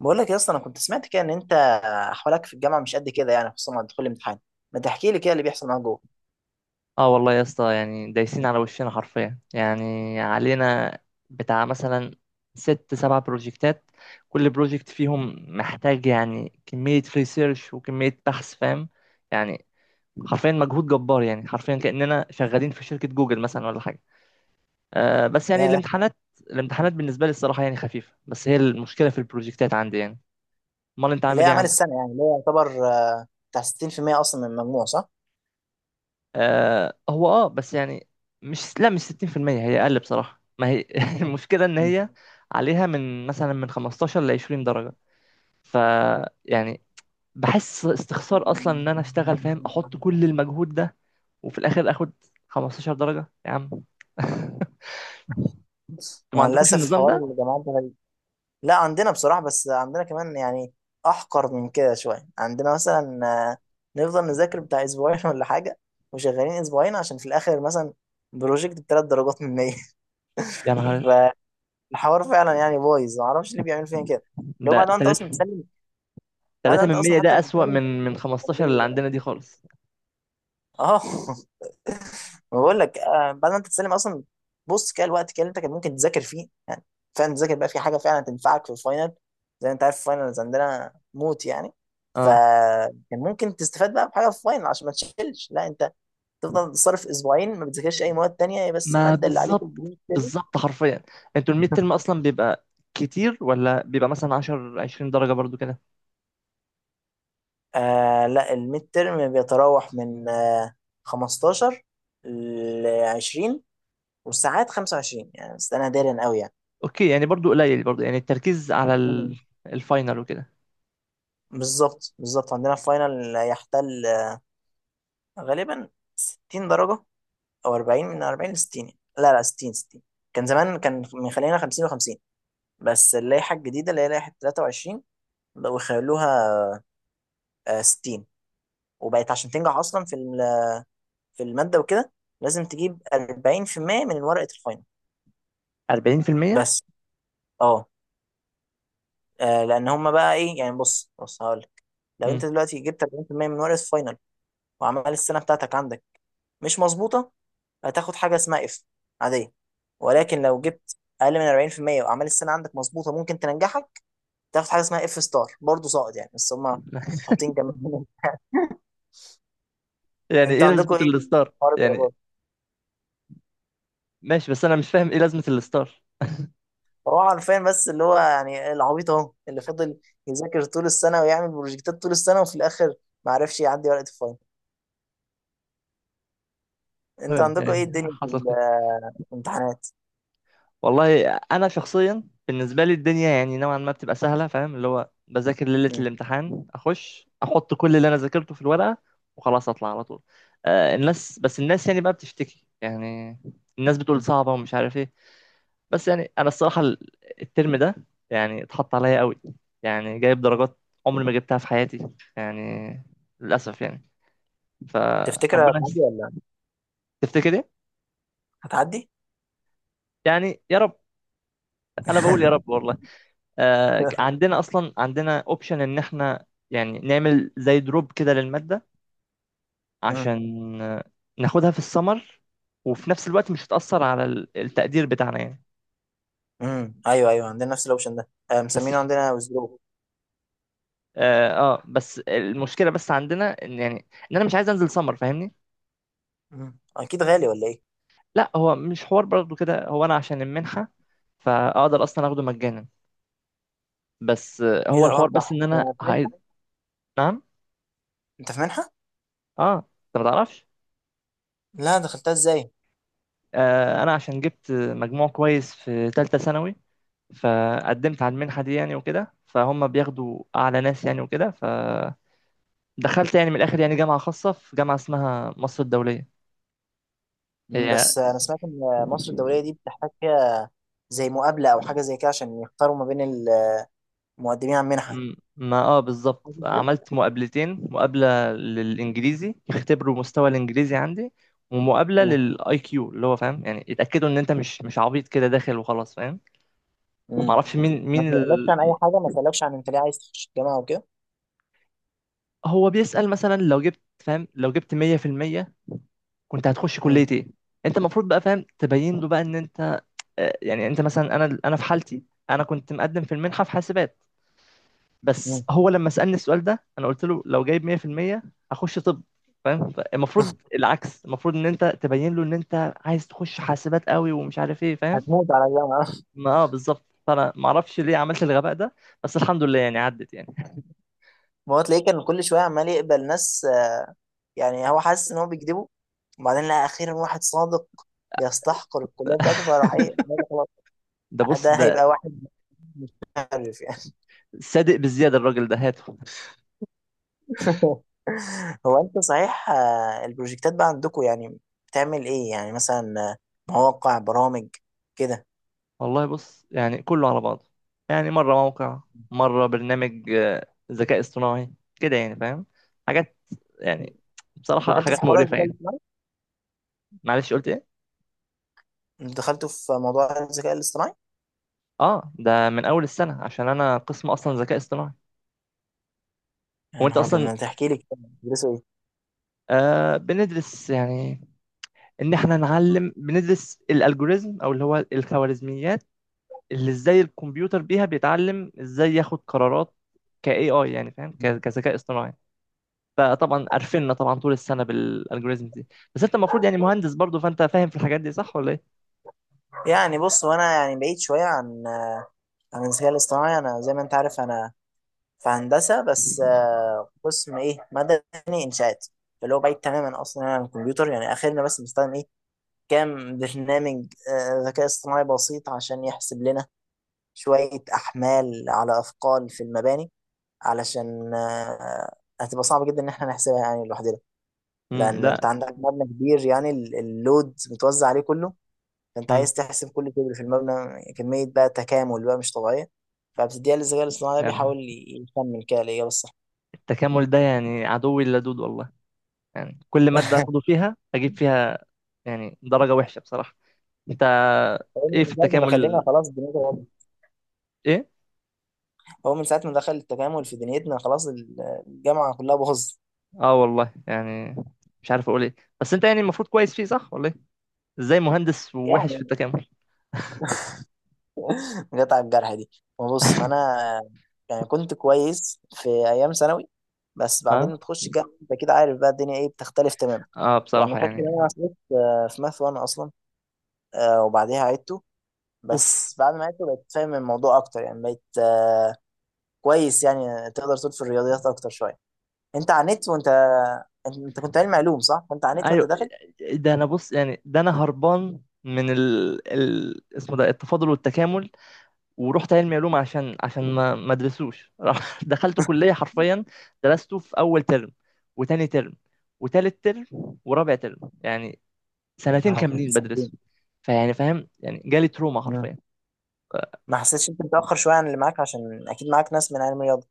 بقول لك يا اسطى، انا كنت سمعت كده ان انت احوالك في الجامعه مش قد كده، يعني خصوصا مع دخول الامتحان. ما تحكي لي كده اللي بيحصل معاك جوه. اه والله يا اسطى، يعني دايسين على وشنا حرفيا، يعني علينا بتاع مثلا ست سبع بروجكتات، كل بروجكت فيهم محتاج يعني كمية ريسيرش وكمية بحث، فاهم يعني؟ حرفيا مجهود جبار، يعني حرفيا كأننا شغالين في شركة جوجل مثلا ولا حاجة. آه بس يعني ياه، الامتحانات بالنسبة لي الصراحة يعني خفيفة، بس هي المشكلة في البروجكتات عندي يعني. امال انت اللي هي عامل ايه اعمال عندك؟ السنه، يعني اللي هي يعتبر بتاع 60% اصلا من المجموع، صح؟ آه، هو بس يعني مش 60%، هي اقل بصراحة، ما هي المشكلة ان مم. هي عليها من مثلا من 15 ل 20 درجة. ف يعني بحس استخسار اصلا ان انا اشتغل، فاهم، احط كل المجهود ده وفي الاخر اخد 15 درجة يا عم. انتوا ما مع عندكوش الاسف النظام حوار ده؟ الجامعات ده غريب. لا عندنا بصراحه، بس عندنا كمان يعني احقر من كده شويه. عندنا مثلا نفضل نذاكر بتاع اسبوعين ولا حاجه، وشغالين اسبوعين عشان في الاخر مثلا بروجكت بثلاث درجات من 100. يا نهار، الحوار فعلا يعني بايظ، ما اعرفش ليه بيعمل فينا كده. اللي هو ده بعد ما انت اصلا 3 بتسلم، بعد ما 3 انت من اصلا 100، حتى ده اسوأ بتسلم. من أنا 15 اللي ليه عندنا دي كده؟ خالص. اه. ما بقول لك، بعد ما انت تسلم اصلا بص كده الوقت كده اللي انت كان ممكن تذاكر فيه، يعني فعلا تذاكر بقى في حاجه فعلا تنفعك في الفاينل. زي ما انت عارف الفاينلز عندنا موت يعني. اه، فكان ممكن تستفاد بقى بحاجه في الفاينل عشان ما تشيلش. لا انت تفضل تصرف اسبوعين ما بتذاكرش اي مواد تانية، هي بس ما الماده اللي عليك بالظبط، البريد كده. بالظبط حرفيا. انتوا الميد ترم اصلا بيبقى كتير، ولا بيبقى مثلا 10 20 درجة برضو كده؟ آه لا الميد ترم بيتراوح من 15 ل 20، والساعات 25 يعني، بس انا دارن قوي يعني. اوكي، يعني برضو قليل، برضو يعني التركيز على ال- مم. الفاينل وكده. بالظبط بالظبط، عندنا الفاينل يحتل غالبا 60 درجة، او 40، من 40 ل 60. لا لا 60 60. كان زمان كان مخلينا 50 و50، بس اللائحة الجديدة اللي هي لائحة 23 بقوا يخلوها 60. وبقت عشان تنجح اصلا في في المادة وكده لازم تجيب 40% من ورقة الفاينل 40%. بس. اه لان هم بقى ايه، يعني بص هقول لك، لو مم. انت دلوقتي جبت 40% من ورقه فاينل وعمال السنه بتاعتك عندك مش مظبوطه، هتاخد حاجه اسمها اف عاديه. ولكن لو جبت اقل من 40% وعمال السنه عندك مظبوطه ممكن تنجحك، تاخد حاجه اسمها اف ستار، برضه ساقط يعني، بس هم حاطين جنبهم. يعني انت ايه عندكم لازمة ايه الستار حوار يعني؟ الدرجات؟ ماشي، بس انا مش فاهم ايه لازمة الستار. هو عارفين بس اللي هو يعني العبيط اهو اللي فضل يذاكر طول السنه ويعمل بروجكتات طول السنه وفي الاخر ما عرفش يعدي ورقه الفاينل. انت فاهم عندكم ايه يعني، الدنيا في حصل خير. الامتحانات؟ والله انا شخصيا بالنسبه لي الدنيا يعني نوعا ما بتبقى سهله، فاهم؟ اللي هو بذاكر ليله الامتحان، اخش احط كل اللي انا ذاكرته في الورقه وخلاص اطلع على طول. آه الناس، بس الناس يعني بقى بتشتكي يعني، الناس بتقول صعبه ومش عارف ايه. بس يعني انا الصراحه الترم ده يعني اتحط عليا قوي، يعني جايب درجات عمري ما جبتها في حياتي يعني، للاسف يعني، تفتكر فربنا هتعدي يستر. ولا تفتكر ايه؟ هتعدي؟ يعني يا رب، انا بقول يا رب والله. آه، عندنا اصلا، عندنا اوبشن ان احنا يعني نعمل زي دروب كده للماده، امم عشان ناخدها في السمر، وفي نفس الوقت مش هتأثر على التقدير بتاعنا يعني. ايوه ايوه، عندنا نفس الاوبشن ده، بس مسمينه عندنا وزرو. بس المشكله، بس عندنا ان يعني ان انا مش عايز انزل سمر، فاهمني؟ مم. اكيد غالي ولا ايه؟ لا، هو مش حوار برضه كده، هو انا عشان المنحه فاقدر اصلا اخده مجانا، بس ايه هو ده؟ الحوار اه بس صح، ان انا انت في عايز. منحه؟ نعم. انت في منحه؟ اه. انت ما تعرفش؟ لا، دخلتها ازاي؟ انا عشان جبت مجموع كويس في ثالثه ثانوي، فقدمت على المنحة دي يعني، وكده فهم بياخدوا أعلى ناس يعني، وكده فدخلت. يعني من الآخر يعني، جامعة خاصة، في جامعة اسمها مصر الدولية. مم، هي بس انا سمعت ان مصر الدوليه دي بتحتاج فيها زي مقابله او حاجه زي كده، عشان يختاروا ما بين المقدمين على المنحه. ما بالظبط، حاجة زي كده؟ عملت مقابلتين، مقابلة للإنجليزي يختبروا مستوى الإنجليزي عندي، ومقابلة مم، للاي كيو، اللي هو فاهم يعني يتأكدوا ان انت مش عبيط كده داخل وخلاص، فاهم؟ مم. معرفش مين ما مين سألكش ال... عن اي حاجه؟ ما سألكش عن انت ليه عايز تخش الجامعه وكده؟ هو بيسأل مثلا لو جبت 100%، كنت هتخش كلية مم، ايه. انت المفروض بقى فاهم تبين له بقى ان انت يعني انت مثلا، انا في حالتي انا كنت مقدم في المنحه في حاسبات، بس مم. هو لما سالني السؤال ده انا قلت له لو جايب 100% اخش طب. فاهم؟ المفروض العكس، المفروض ان انت تبين له ان انت عايز تخش حاسبات قوي ومش عارف ايه، فاهم؟ هتموت على الجامعه. ما بالظبط، فانا ما اعرفش ليه عملت الغباء ده، بس الحمد لله يعني عدت يعني. ما هو تلاقيه كان كل شويه عمال يقبل ناس يعني، هو حاسس ان هو بيكذبه، وبعدين لقى اخيرا واحد صادق بيستحقر الكليه بتاعته فراح ايه قال خلاص ده بص، ده ده هيبقى واحد مشرف يعني. صادق بزياده الراجل ده، هاته. هو انت صحيح، البروجكتات بقى عندكم يعني بتعمل ايه يعني مثلا، مواقع برامج كده؟ والله بص، يعني كله على بعضه، يعني مره موقع، مره برنامج، ذكاء اصطناعي كده، يعني فاهم، حاجات يعني، بصراحة دخلتوا في حاجات حوار مقرفة الذكاء يعني. الاصطناعي؟ معلش قلت ايه؟ دخلتوا في موضوع الذكاء الاصطناعي؟ اه، ده من اول السنة، عشان انا قسم اصلا ذكاء اصطناعي. هو يا انت نهار ابيض، اصلا ما تحكي لي كده، بتدرسوا ايه؟ بندرس يعني، ان احنا نعلم بندرس الالجوريزم، او اللي هو الخوارزميات، اللي ازاي الكمبيوتر بيها بيتعلم، ازاي ياخد قرارات ك AI يعني، فاهم؟ كذكاء اصطناعي. فطبعا قرفنا طبعا طول السنة بالالجوريزم دي. بس انت المفروض يعني مهندس برضو، فانت فاهم في الحاجات دي صح ولا ايه؟ يعني بص، وانا يعني بعيد شويه عن عن الذكاء الاصطناعي. انا زي ما انت عارف انا في هندسة، بس قسم إيه مدني إنشاءات، اللي هو بعيد تماما أصلا عن الكمبيوتر. يعني آخرنا بس بنستخدم إيه كام برنامج ذكاء اصطناعي بسيط عشان يحسب لنا شوية أحمال على أثقال في المباني، علشان هتبقى صعب جدا إن إحنا نحسبها يعني لوحدنا، امم، لأن ده، أنت عندك مبنى كبير، يعني اللود متوزع عليه كله، فأنت امم، عايز تحسب كل كبر في المبنى كمية بقى تكامل بقى مش طبيعية، فبتديها للذكاء الاصطناعي ده يعني بيحاول يكمل كده الإجابة الصح. التكامل ده يعني عدوي اللدود والله، يعني كل مادة اخده فيها اجيب فيها يعني درجة وحشة بصراحة. انت، هو ايه في من ساعة ما دخلنا التكامل؟ خلاص دنيتنا باظت. ايه؟ هو من ساعة ما دخل التكامل في دنيتنا خلاص الجامعة كلها باظت. اه والله يعني، مش عارف اقول ايه. بس انت يعني المفروض كويس فيه، صح ولا ايه؟ ازاي مهندس ووحش في يعني التكامل؟ جت على الجرح دي. ما بص، ما أنا يعني كنت كويس في أيام ثانوي، بس بعدين ها، تخش الجامعة أنت كده عارف بقى الدنيا إيه بتختلف تماما. اه، يعني بصراحة فاكر إن أنا يعني، عصيت في ماث 1 أصلا، وبعديها عدته، اوف. بس بعد ما عدته بقيت فاهم الموضوع أكتر، يعني بقيت كويس يعني، تقدر تقول في الرياضيات أكتر شوية. أنت عانيت وأنت أنت كنت علم علوم صح؟ كنت عانيت وأنت ايوه، داخل؟ ده انا بص يعني، ده انا هربان من ال... ال... اسمه ده التفاضل والتكامل، ورحت علمي علوم عشان ما ادرسوش. دخلت كلية، حرفيا درسته في أول ترم، وتاني ترم، وتالت ترم، ورابع ترم، يعني سنتين نهار أبيض كاملين ساعتين. بدرسه. فيعني فاهم يعني، جالي تروما مم. حرفيا. ما حسيتش أنت متأخر شوية عن اللي معاك، عشان أكيد معاك ناس من علم الرياضة؟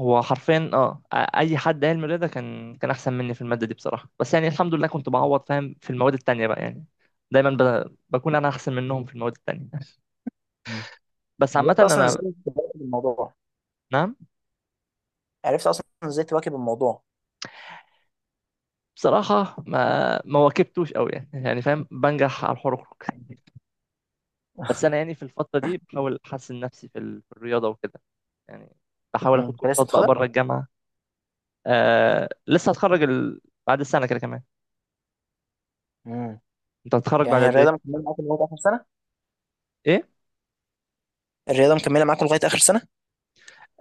هو حرفيا اي حد علم رياضه كان احسن مني في الماده دي بصراحه، بس يعني الحمد لله كنت بعوض فاهم في المواد التانية بقى يعني، دايما بكون انا احسن منهم في المواد التانية. مم. بس عامه عرفت أصلا انا، إزاي تواكب الموضوع؟ نعم. عرفت أصلا إزاي تواكب الموضوع؟ بصراحه ما واكبتوش قوي، يعني فاهم، بنجح على الحروق. بس انا يعني في الفتره دي بحاول احسن نفسي في الرياضه وكده، يعني بحاول مم. اخد أنت لسه كورسات بقى بتاخدها؟ بره الجامعه. آه لسه، هتخرج ال... بعد السنه كده كمان. مم. انت هتتخرج يعني بعد هي قد ايه؟ الرياضة مكملة معاكم لغاية آخر سنة؟ ايه؟ الرياضة مكملة معاكم لغاية آخر سنة؟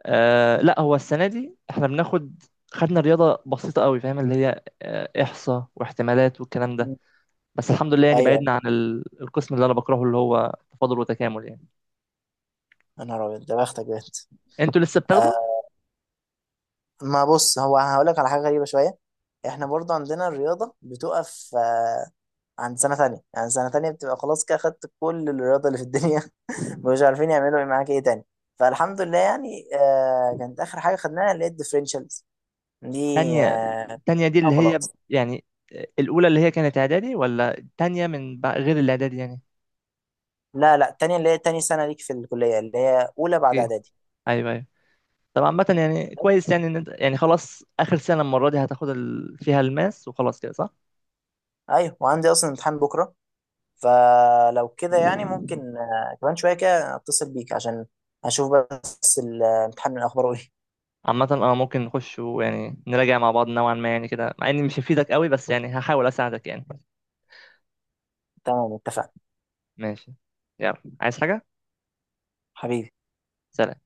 آه لا، هو السنه دي احنا بناخد، خدنا رياضه بسيطه قوي، فاهم؟ اللي هي احصاء واحتمالات والكلام ده. مم. بس الحمد لله يعني أيوه، بعدنا عن ال... القسم اللي انا بكرهه، اللي هو تفاضل وتكامل يعني. يا نهار أبيض، ده بختك بجد. انتوا لسه بتاخدوا؟ آه، ما بص، هو هقول لك على حاجة غريبة شوية. احنا برضه عندنا الرياضة بتقف عند سنة تانية، يعني سنة تانية بتبقى خلاص كده خدت كل الرياضة اللي في الدنيا مش عارفين يعملوا ايه معاك ايه تاني. فالحمد لله يعني، كانت اخر حاجه خدناها اللي هي الديفرنشالز دي، تانية؟ آه التانية دي اللي هي وخلاص. يعني الاولى اللي هي كانت اعدادي، ولا تانية غير الاعدادي يعني؟ لا لا، التانية اللي هي تاني سنه ليك في الكليه اللي هي اولى بعد اوكي، اعدادي ايوه ايوه. طب عامة يعني بس. كويس يعني، ان انت يعني خلاص اخر سنة المرة دي هتاخد ال... فيها الماس وخلاص كده، صح؟ ايوه، وعندي اصلا امتحان بكره، فلو كده يعني ممكن كمان شويه كده اتصل بيك عشان اشوف بس الامتحان من اخباره ايه. عامة اه، ممكن نخش ويعني نراجع مع بعض، نوعا ما يعني كده، مع اني مش هفيدك قوي، بس يعني هحاول اساعدك يعني. تمام، اتفقنا. ماشي. يلا، عايز حاجة؟ حبيبي. سلام.